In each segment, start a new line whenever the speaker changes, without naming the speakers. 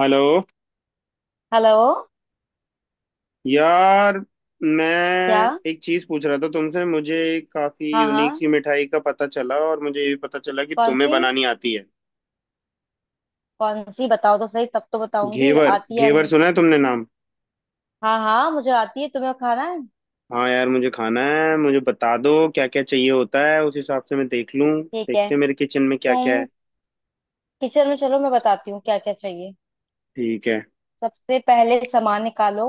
Hello
hello.
यार, मैं
क्या?
एक चीज पूछ रहा था तुमसे। मुझे एक काफी
हाँ,
यूनिक
हाँ।
सी मिठाई का पता चला, और मुझे ये भी पता चला कि
कौन
तुम्हें
सी?
बनानी आती है।
कौन सी बताओ तो सही, तब तो बताऊंगी
घेवर,
आती है या
घेवर
नहीं।
सुना है तुमने नाम?
हाँ, हाँ, मुझे आती है। तुम्हें खाना है?
हाँ यार, मुझे खाना है। मुझे बता दो क्या क्या चाहिए होता है, उस हिसाब से मैं देख लूँ।
ठीक है।
देखते हैं मेरे किचन में क्या क्या
तुम
है।
किचन में चलो, मैं बताती हूँ क्या क्या चाहिए।
ठीक है।
सबसे पहले सामान निकालो।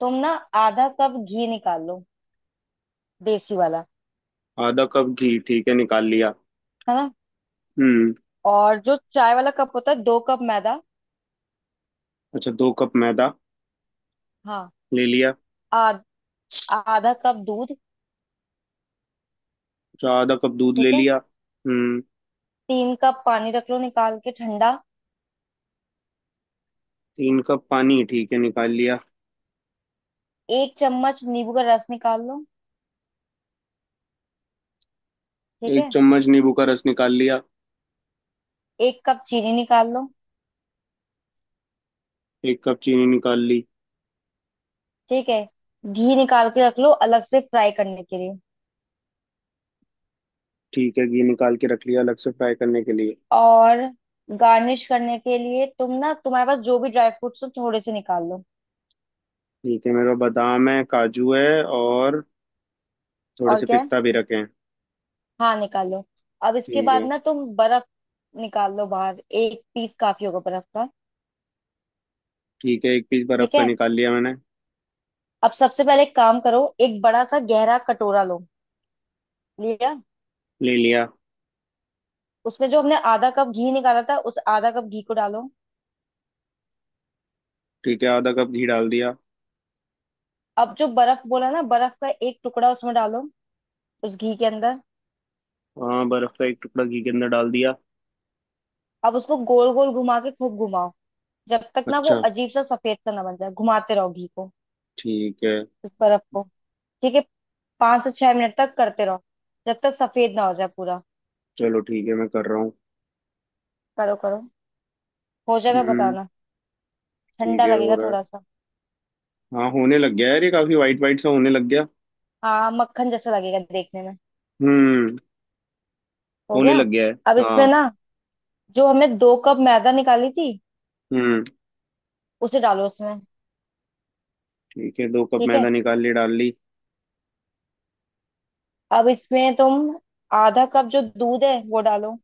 तुम ना ½ कप घी निकालो, देसी वाला।
आधा कप घी, ठीक है, निकाल लिया।
है ना।
हम्म।
और जो चाय वाला कप होता है, 2 कप मैदा।
अच्छा, 2 कप मैदा
हाँ।
ले लिया।
आध, ½ कप दूध।
अच्छा, आधा कप दूध ले
ठीक है।
लिया। हम्म।
3 कप पानी रख लो निकाल के, ठंडा।
3 कप पानी, ठीक है, निकाल लिया।
1 चम्मच नींबू का रस निकाल लो। ठीक
एक
है।
चम्मच नींबू का रस निकाल लिया।
1 कप चीनी निकाल लो।
1 कप चीनी निकाल ली।
ठीक है। घी निकाल के रख लो अलग से फ्राई करने के लिए।
ठीक है, घी निकाल के रख लिया अलग से फ्राई करने के लिए।
और गार्निश करने के लिए तुम ना, तुम्हारे पास जो भी ड्राई फ्रूट्स हो थोड़े से निकाल लो।
ठीक है, मेरे पास बादाम है, काजू है, और थोड़े
और
से
क्या है?
पिस्ता भी रखे हैं।
हाँ, निकाल लो। अब इसके
ठीक
बाद
है।
ना तुम बर्फ निकाल लो बाहर, एक पीस काफी होगा बर्फ का।
ठीक है, 1 पीस बर्फ
ठीक
का
है।
निकाल लिया मैंने।
अब सबसे पहले एक काम करो, एक बड़ा सा गहरा कटोरा लो। लिया।
ले लिया।
उसमें जो हमने ½ कप घी निकाला था, उस ½ कप घी को डालो।
ठीक है, आधा कप घी डाल दिया।
अब जो बर्फ बोला ना, बर्फ का एक टुकड़ा उसमें डालो, उस घी के अंदर।
हाँ, बर्फ का एक टुकड़ा घी के अंदर डाल दिया।
अब उसको गोल गोल घुमा के खूब घुमाओ। जब तक ना वो
अच्छा।
अजीब सा सफेद सा ना बन जाए, घुमाते रहो घी को,
ठीक है।
इस बर्फ को। ठीक है। 5 से 6 मिनट तक करते रहो, जब तक सफेद ना हो जाए पूरा।
चलो ठीक है, मैं कर रहा हूँ।
करो करो, हो जाएगा
हम्म।
बताना।
ठीक
ठंडा
है, हो
लगेगा
रहा है।
थोड़ा सा।
हाँ, होने लग गया है यार, ये काफी वाइट वाइट सा होने लग गया।
हाँ मक्खन जैसा लगेगा देखने में।
हम्म।
हो
होने
गया?
लग गया है।
अब इसमें
हाँ।
ना जो हमने 2 कप मैदा निकाली थी
हम्म।
उसे डालो उसमें।
ठीक है, 2 कप
ठीक है।
मैदा निकाल ली, डाल ली।
अब इसमें तुम ½ कप जो दूध है वो डालो।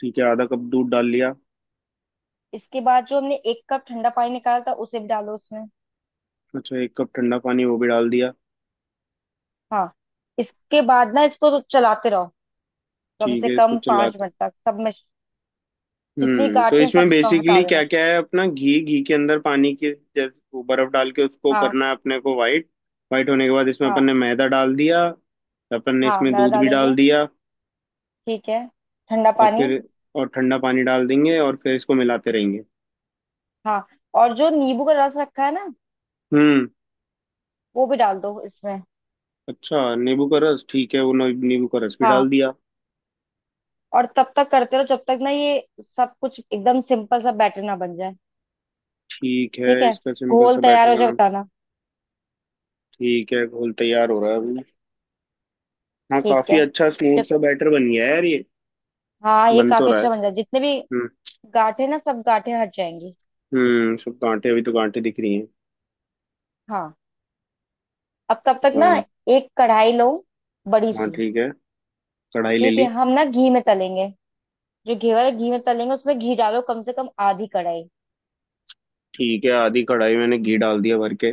ठीक है, आधा कप दूध डाल लिया।
इसके बाद जो हमने 1 कप ठंडा पानी निकाला था उसे भी डालो उसमें।
अच्छा, 1 कप ठंडा पानी वो भी डाल दिया।
हाँ। इसके बाद ना इसको तो चलाते रहो, कम
ठीक
से
है, इसको
कम पांच
चलाते।
मिनट तक सब में। जितनी
तो
गांठें सब
इसमें
हटा
बेसिकली क्या
देना।
क्या है, अपना घी, घी के अंदर पानी के, जैसे वो बर्फ डाल के उसको
हाँ।
करना है अपने को वाइट। वाइट होने के बाद इसमें अपन
हाँ।
ने मैदा डाल दिया। अपन ने
हाँ
इसमें
मैदा
दूध भी डाल
डालेंगे।
दिया।
ठीक है। ठंडा
और
पानी।
फिर, और ठंडा पानी डाल देंगे, और फिर इसको मिलाते रहेंगे।
हाँ। और जो नींबू का रस रखा है ना,
हम्म।
वो भी डाल दो इसमें।
अच्छा, नींबू का रस, ठीक है, वो न- नींबू का रस भी डाल
हाँ।
दिया।
और तब तक करते रहो जब तक ना ये सब कुछ एकदम सिंपल सा बैटर ना बन जाए।
ठीक है,
ठीक है।
इसका सिंपल
घोल
सा
तैयार
बैटर
हो जाए
बना।
बताना।
ठीक है, घोल तैयार हो रहा है अभी। हाँ,
ठीक
काफी
है।
अच्छा स्मूथ
जब,
सा बैटर बन गया है यार ये।
हाँ ये
बन तो
काफी
रहा है।
अच्छा बन जाए, जितने भी
हम्म।
गांठें ना सब गांठें हट जाएंगी।
सब गांठे, अभी तो गांठे दिख रही हैं।
हाँ। अब तब तक ना
हाँ।
एक कढ़ाई लो, बड़ी
हाँ।
सी।
ठीक है, कढ़ाई ले
ठीक है।
ली।
हम ना घी में तलेंगे, जो घी वाले घी में तलेंगे उसमें घी डालो कम से कम ½ कढ़ाई।
ठीक है, आधी कढ़ाई मैंने घी डाल दिया भर के।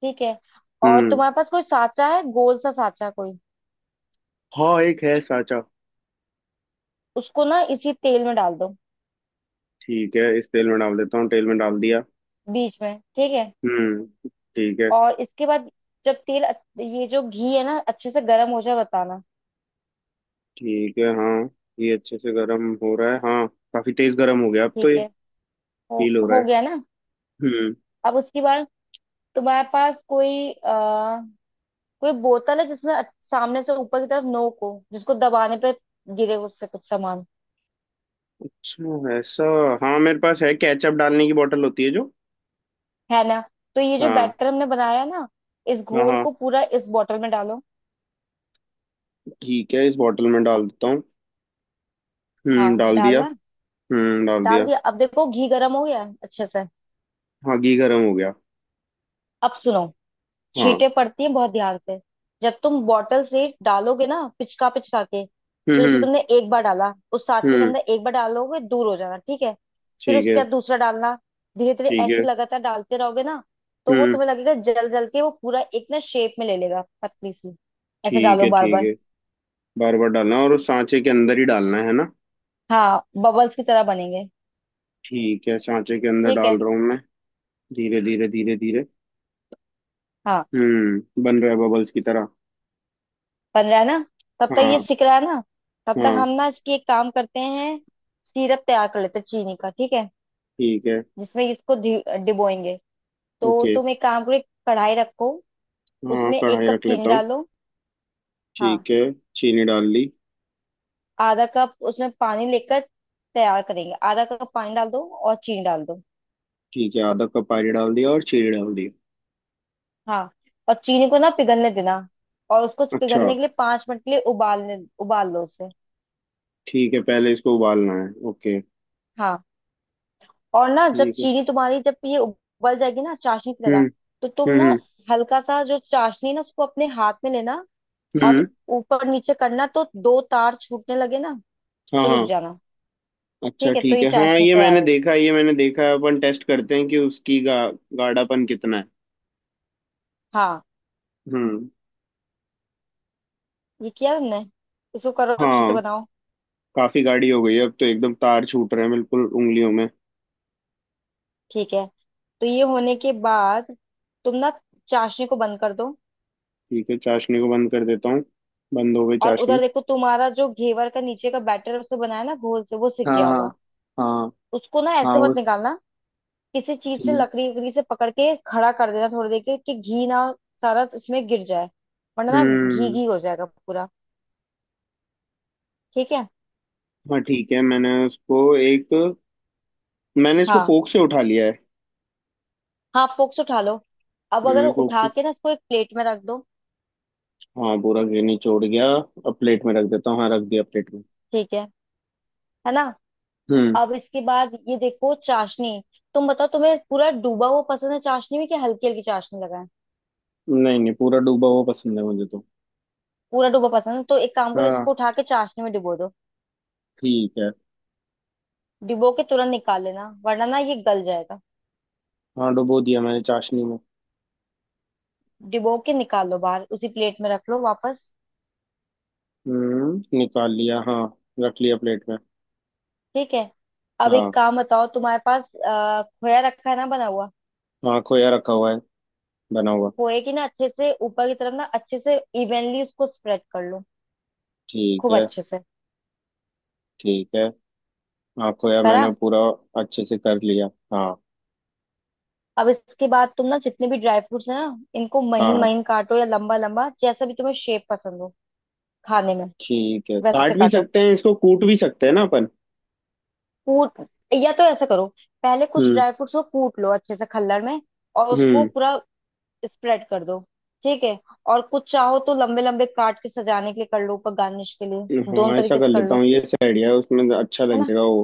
ठीक है। और
हम्म।
तुम्हारे पास कोई साचा है, गोल सा साचा कोई?
हाँ, एक है साचा।
उसको ना इसी तेल में डाल दो,
ठीक है, इस तेल में डाल देता हूँ, तेल में डाल दिया।
बीच में। ठीक है।
हम्म। ठीक है।
और इसके बाद जब तेल ये जो घी है ना अच्छे से गर्म हो जाए बताना।
ठीक है। हाँ, ये अच्छे से गर्म हो रहा है हाँ। काफी तेज गर्म हो गया अब तो,
ठीक
ये
है। हो
फील हो रहा है।
हो गया ना?
हम्म।
अब उसके बाद तुम्हारे पास कोई कोई बोतल है जिसमें सामने से ऊपर की तरफ नोक हो, जिसको दबाने पे गिरे उससे कुछ सामान।
अच्छा, ऐसा। हाँ, मेरे पास है, केचप डालने की बोतल होती है जो।
है ना? तो ये जो
हाँ,
बैटर हमने बनाया ना, इस
हाँ।
घोल
हाँ,
को पूरा इस बोतल में डालो।
ठीक है, इस बोतल में डाल देता हूँ।
हाँ
डाल दिया।
डालना।
डाल
डाल
दिया।
दिया? अब देखो घी गर्म हो गया है अच्छे से।
हाँ, घी गर्म हो गया।
अब सुनो,
हाँ।
छींटे पड़ती हैं बहुत, ध्यान से। जब तुम बॉटल से डालोगे ना पिचका पिचका के, तो
हम्म।
जैसे
हम्म।
तुमने एक बार डाला उस सांचे के
हम्म,
अंदर, एक बार डालोगे दूर हो जाना ठीक है। फिर
ठीक है।
उसके बाद दूसरा डालना। धीरे धीरे
ठीक
ऐसे
है।
लगातार डालते रहोगे ना, तो वो
हम्म।
तुम्हें लगेगा जल जल के वो पूरा एक ना शेप में ले लेगा पतली सी। ऐसे
ठीक
डालो
है।
बार
ठीक
बार।
है। बार बार डालना, और उस सांचे के अंदर ही डालना है ना।
हाँ बबल्स की तरह बनेंगे।
ठीक है, सांचे के अंदर
ठीक है।
डाल रहा हूँ मैं। धीरे धीरे धीरे धीरे।
हाँ।
बन रहा है बबल्स की तरह।
बन रहा है ना? तब तक ये
हाँ।
सिक रहा है ना। तब तक
हाँ।
हम ना इसकी एक काम करते हैं, सिरप तैयार कर लेते हैं चीनी का, ठीक है।
ठीक है।
जिसमें इसको डिबोएंगे। तो
ओके।
तुम एक काम करो, एक कढ़ाई रखो।
हाँ,
उसमें एक
कढ़ाई
कप
रख
चीनी
लेता हूँ।
डालो। हाँ।
ठीक है, चीनी डाल ली।
½ कप उसमें पानी लेकर तैयार करेंगे, ½ कप पानी डाल दो और चीनी डाल दो।
ठीक है, आधा कप पानी डाल दिया और चीनी डाल दी।
हाँ। और चीनी को ना पिघलने देना। और उसको
अच्छा।
पिघलने के लिए 5 मिनट के लिए उबालने उबाल लो उसे।
ठीक है, पहले इसको उबालना है। ओके।
हाँ। और ना जब
ठीक है।
चीनी तुम्हारी जब ये उबल जाएगी ना चाशनी की
हम्म।
तरह, तो तुम
हम्म।
ना
हम्म।
हल्का सा जो चाशनी है ना उसको अपने हाथ में लेना
हम्म,
और ऊपर नीचे करना, तो दो तार छूटने लगे ना
हाँ,
तो रुक
हाँ।
जाना।
अच्छा,
ठीक है। तो
ठीक
ये
है हाँ,
चाशनी
ये
तैयार
मैंने
हो,
देखा, ये मैंने देखा है। अपन टेस्ट करते हैं कि उसकी गाढ़ापन कितना है।
हाँ
हम्म।
ये किया तुमने? इसको करो अच्छे से
हाँ,
बनाओ।
काफी गाढ़ी हो गई है अब तो, एकदम तार छूट रहे हैं बिल्कुल उंगलियों में।
ठीक है। तो ये होने के बाद तुम ना चाशनी को बंद कर दो।
ठीक है, चाशनी को बंद कर देता हूँ। बंद हो गई
और
चाशनी।
उधर देखो तुम्हारा जो घेवर का नीचे का बैटर उसे बनाया ना घोल से, वो सिक
हाँ।
गया
हाँ।
होगा।
हाँ।
उसको ना
हाँ,
ऐसे मत
वो
निकालना, किसी चीज
ठीक
से
है।
लकड़ी वकड़ी से पकड़ के खड़ा कर देना थोड़ी देर के, कि घी ना सारा उसमें गिर जाए। वरना ना घी
हम्म।
घी हो जाएगा पूरा। ठीक है।
हाँ, ठीक है, मैंने उसको एक मैंने इसको
हाँ।
फोक से उठा लिया है।
हाँ फोक्स उठा लो। अब अगर
फोक
उठा
से।
के ना इसको एक प्लेट में रख दो।
हाँ, पूरा गिरनी छोड़ गया, अब प्लेट में रख देता हूँ। हाँ, रख दिया प्लेट में।
ठीक है। है ना।
हम्म
अब इसके बाद ये देखो चाशनी, तुम बताओ तुम्हें पूरा डूबा हुआ पसंद है चाशनी में कि हल्की हल्की चाशनी लगाए?
नहीं नहीं, पूरा डूबा हुआ पसंद है मुझे तो।
पूरा डूबा पसंद है तो एक काम करो, इसको
हाँ।
उठा के चाशनी में डुबो दो।
ठीक है।
डुबो के तुरंत निकाल लेना वरना ना ये गल जाएगा।
हाँ, डुबो दिया मैंने चाशनी में।
डिबो के निकाल लो बाहर, उसी प्लेट में रख लो वापस।
निकाल लिया हाँ। रख लिया प्लेट में।
ठीक है। अब
हाँ।
एक काम बताओ, तुम्हारे पास खोया रखा है ना बना हुआ?
हाँ, खोया रखा हुआ है, बना हुआ।
खोए की ना अच्छे से ऊपर की तरफ ना अच्छे से इवनली उसको स्प्रेड कर लो।
ठीक
खूब
है।
अच्छे से
ठीक है। हाँ, खोया
करा?
मैंने पूरा अच्छे से कर लिया। हाँ।
अब इसके बाद तुम ना जितने भी ड्राई फ्रूट्स है ना, इनको
हाँ।
महीन
हाँ,
महीन काटो या लंबा लंबा जैसा भी तुम्हें शेप पसंद हो खाने में।
ठीक है,
वैसे
काट भी
काटो
सकते हैं इसको, कूट भी सकते हैं ना अपन।
कूट, या तो ऐसा करो, पहले कुछ
हम्म।
ड्राई फ्रूट्स को कूट लो अच्छे से खल्लड़ में और उसको
हम्म।
पूरा स्प्रेड कर दो। ठीक है। और कुछ चाहो तो लंबे लंबे काट के सजाने के लिए कर लो ऊपर गार्निश के लिए, दोनों
हाँ, ऐसा
तरीके
कर
से कर
लेता
लो।
हूँ, ये सही आइडिया है, उसमें अच्छा
है ना?
लगेगा वो।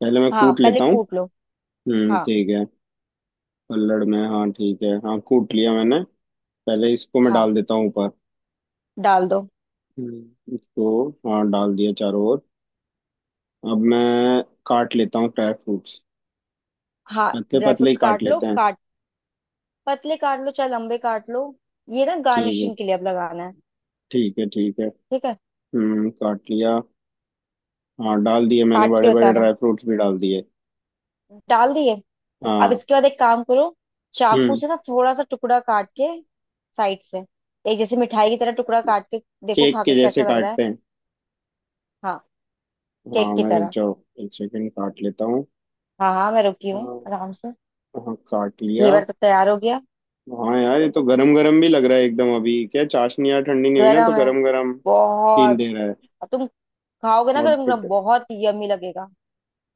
पहले मैं
हाँ
कूट
पहले
लेता हूँ।
कूट लो।
हम्म,
हाँ।
ठीक है। पल्लड़ में, हाँ, ठीक है, हाँ, कूट लिया मैंने। पहले इसको मैं
हाँ
डाल देता हूँ ऊपर।
डाल दो।
इसको हाँ डाल दिया चारों ओर। अब मैं काट लेता हूँ ड्राई फ्रूट्स।
हाँ।
पतले
ड्राई
पतले ही
फ्रूट्स
काट
काट लो,
लेते हाँ हैं।
काट, पतले काट लो चाहे लंबे काट लो। ये ना
ठीक है।
गार्निशिंग के लिए अब लगाना है।
ठीक है। ठीक है।
ठीक है।
काट लिया। हाँ, डाल दिए मैंने,
काट के
बड़े बड़े
बताना।
ड्राई फ्रूट्स भी डाल दिए।
डाल दिए? अब
हाँ।
इसके बाद एक काम करो, चाकू
हम्म
से ना थोड़ा सा टुकड़ा काट के साइड से, एक जैसे मिठाई की तरह टुकड़ा काट के देखो
केक
खा के
के जैसे
कैसा लग रहा है।
काटते हैं।
हाँ
हाँ,
केक की
मैं रुक
तरह।
जाओ, 1 सेकंड, काट लेता हूँ।
हाँ हाँ मैं रुकी हूँ
हाँ।
आराम से।
हाँ, काट लिया।
घेवर तो तैयार हो गया।
हाँ यार, ये तो गरम गरम भी लग रहा है एकदम, अभी क्या चाशनी यार ठंडी नहीं हुई ना, तो
गरम है
गरम गरम फील
बहुत।
दे रहा है।
अब तुम खाओगे ना
और।
गरम गरम बहुत यम्मी लगेगा।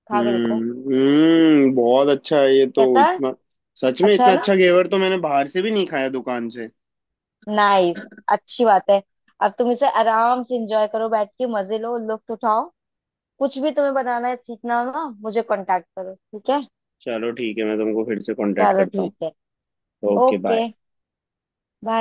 खा के देखो
हम्म। बहुत अच्छा है ये तो,
कैसा है।
इतना। सच में,
अच्छा है
इतना
ना?
अच्छा घेवर तो मैंने बाहर से भी नहीं खाया दुकान से।
नाइस। अच्छी बात है। अब तुम इसे आराम से एंजॉय करो, बैठ के मजे लो लुत्फ उठाओ। कुछ भी तुम्हें बनाना है सीखना हो ना मुझे कांटेक्ट करो ठीक है।
चलो ठीक है, मैं तुमको फिर से कांटेक्ट
चलो
करता हूँ।
ठीक है।
Okay,
okay
bye.
बाय।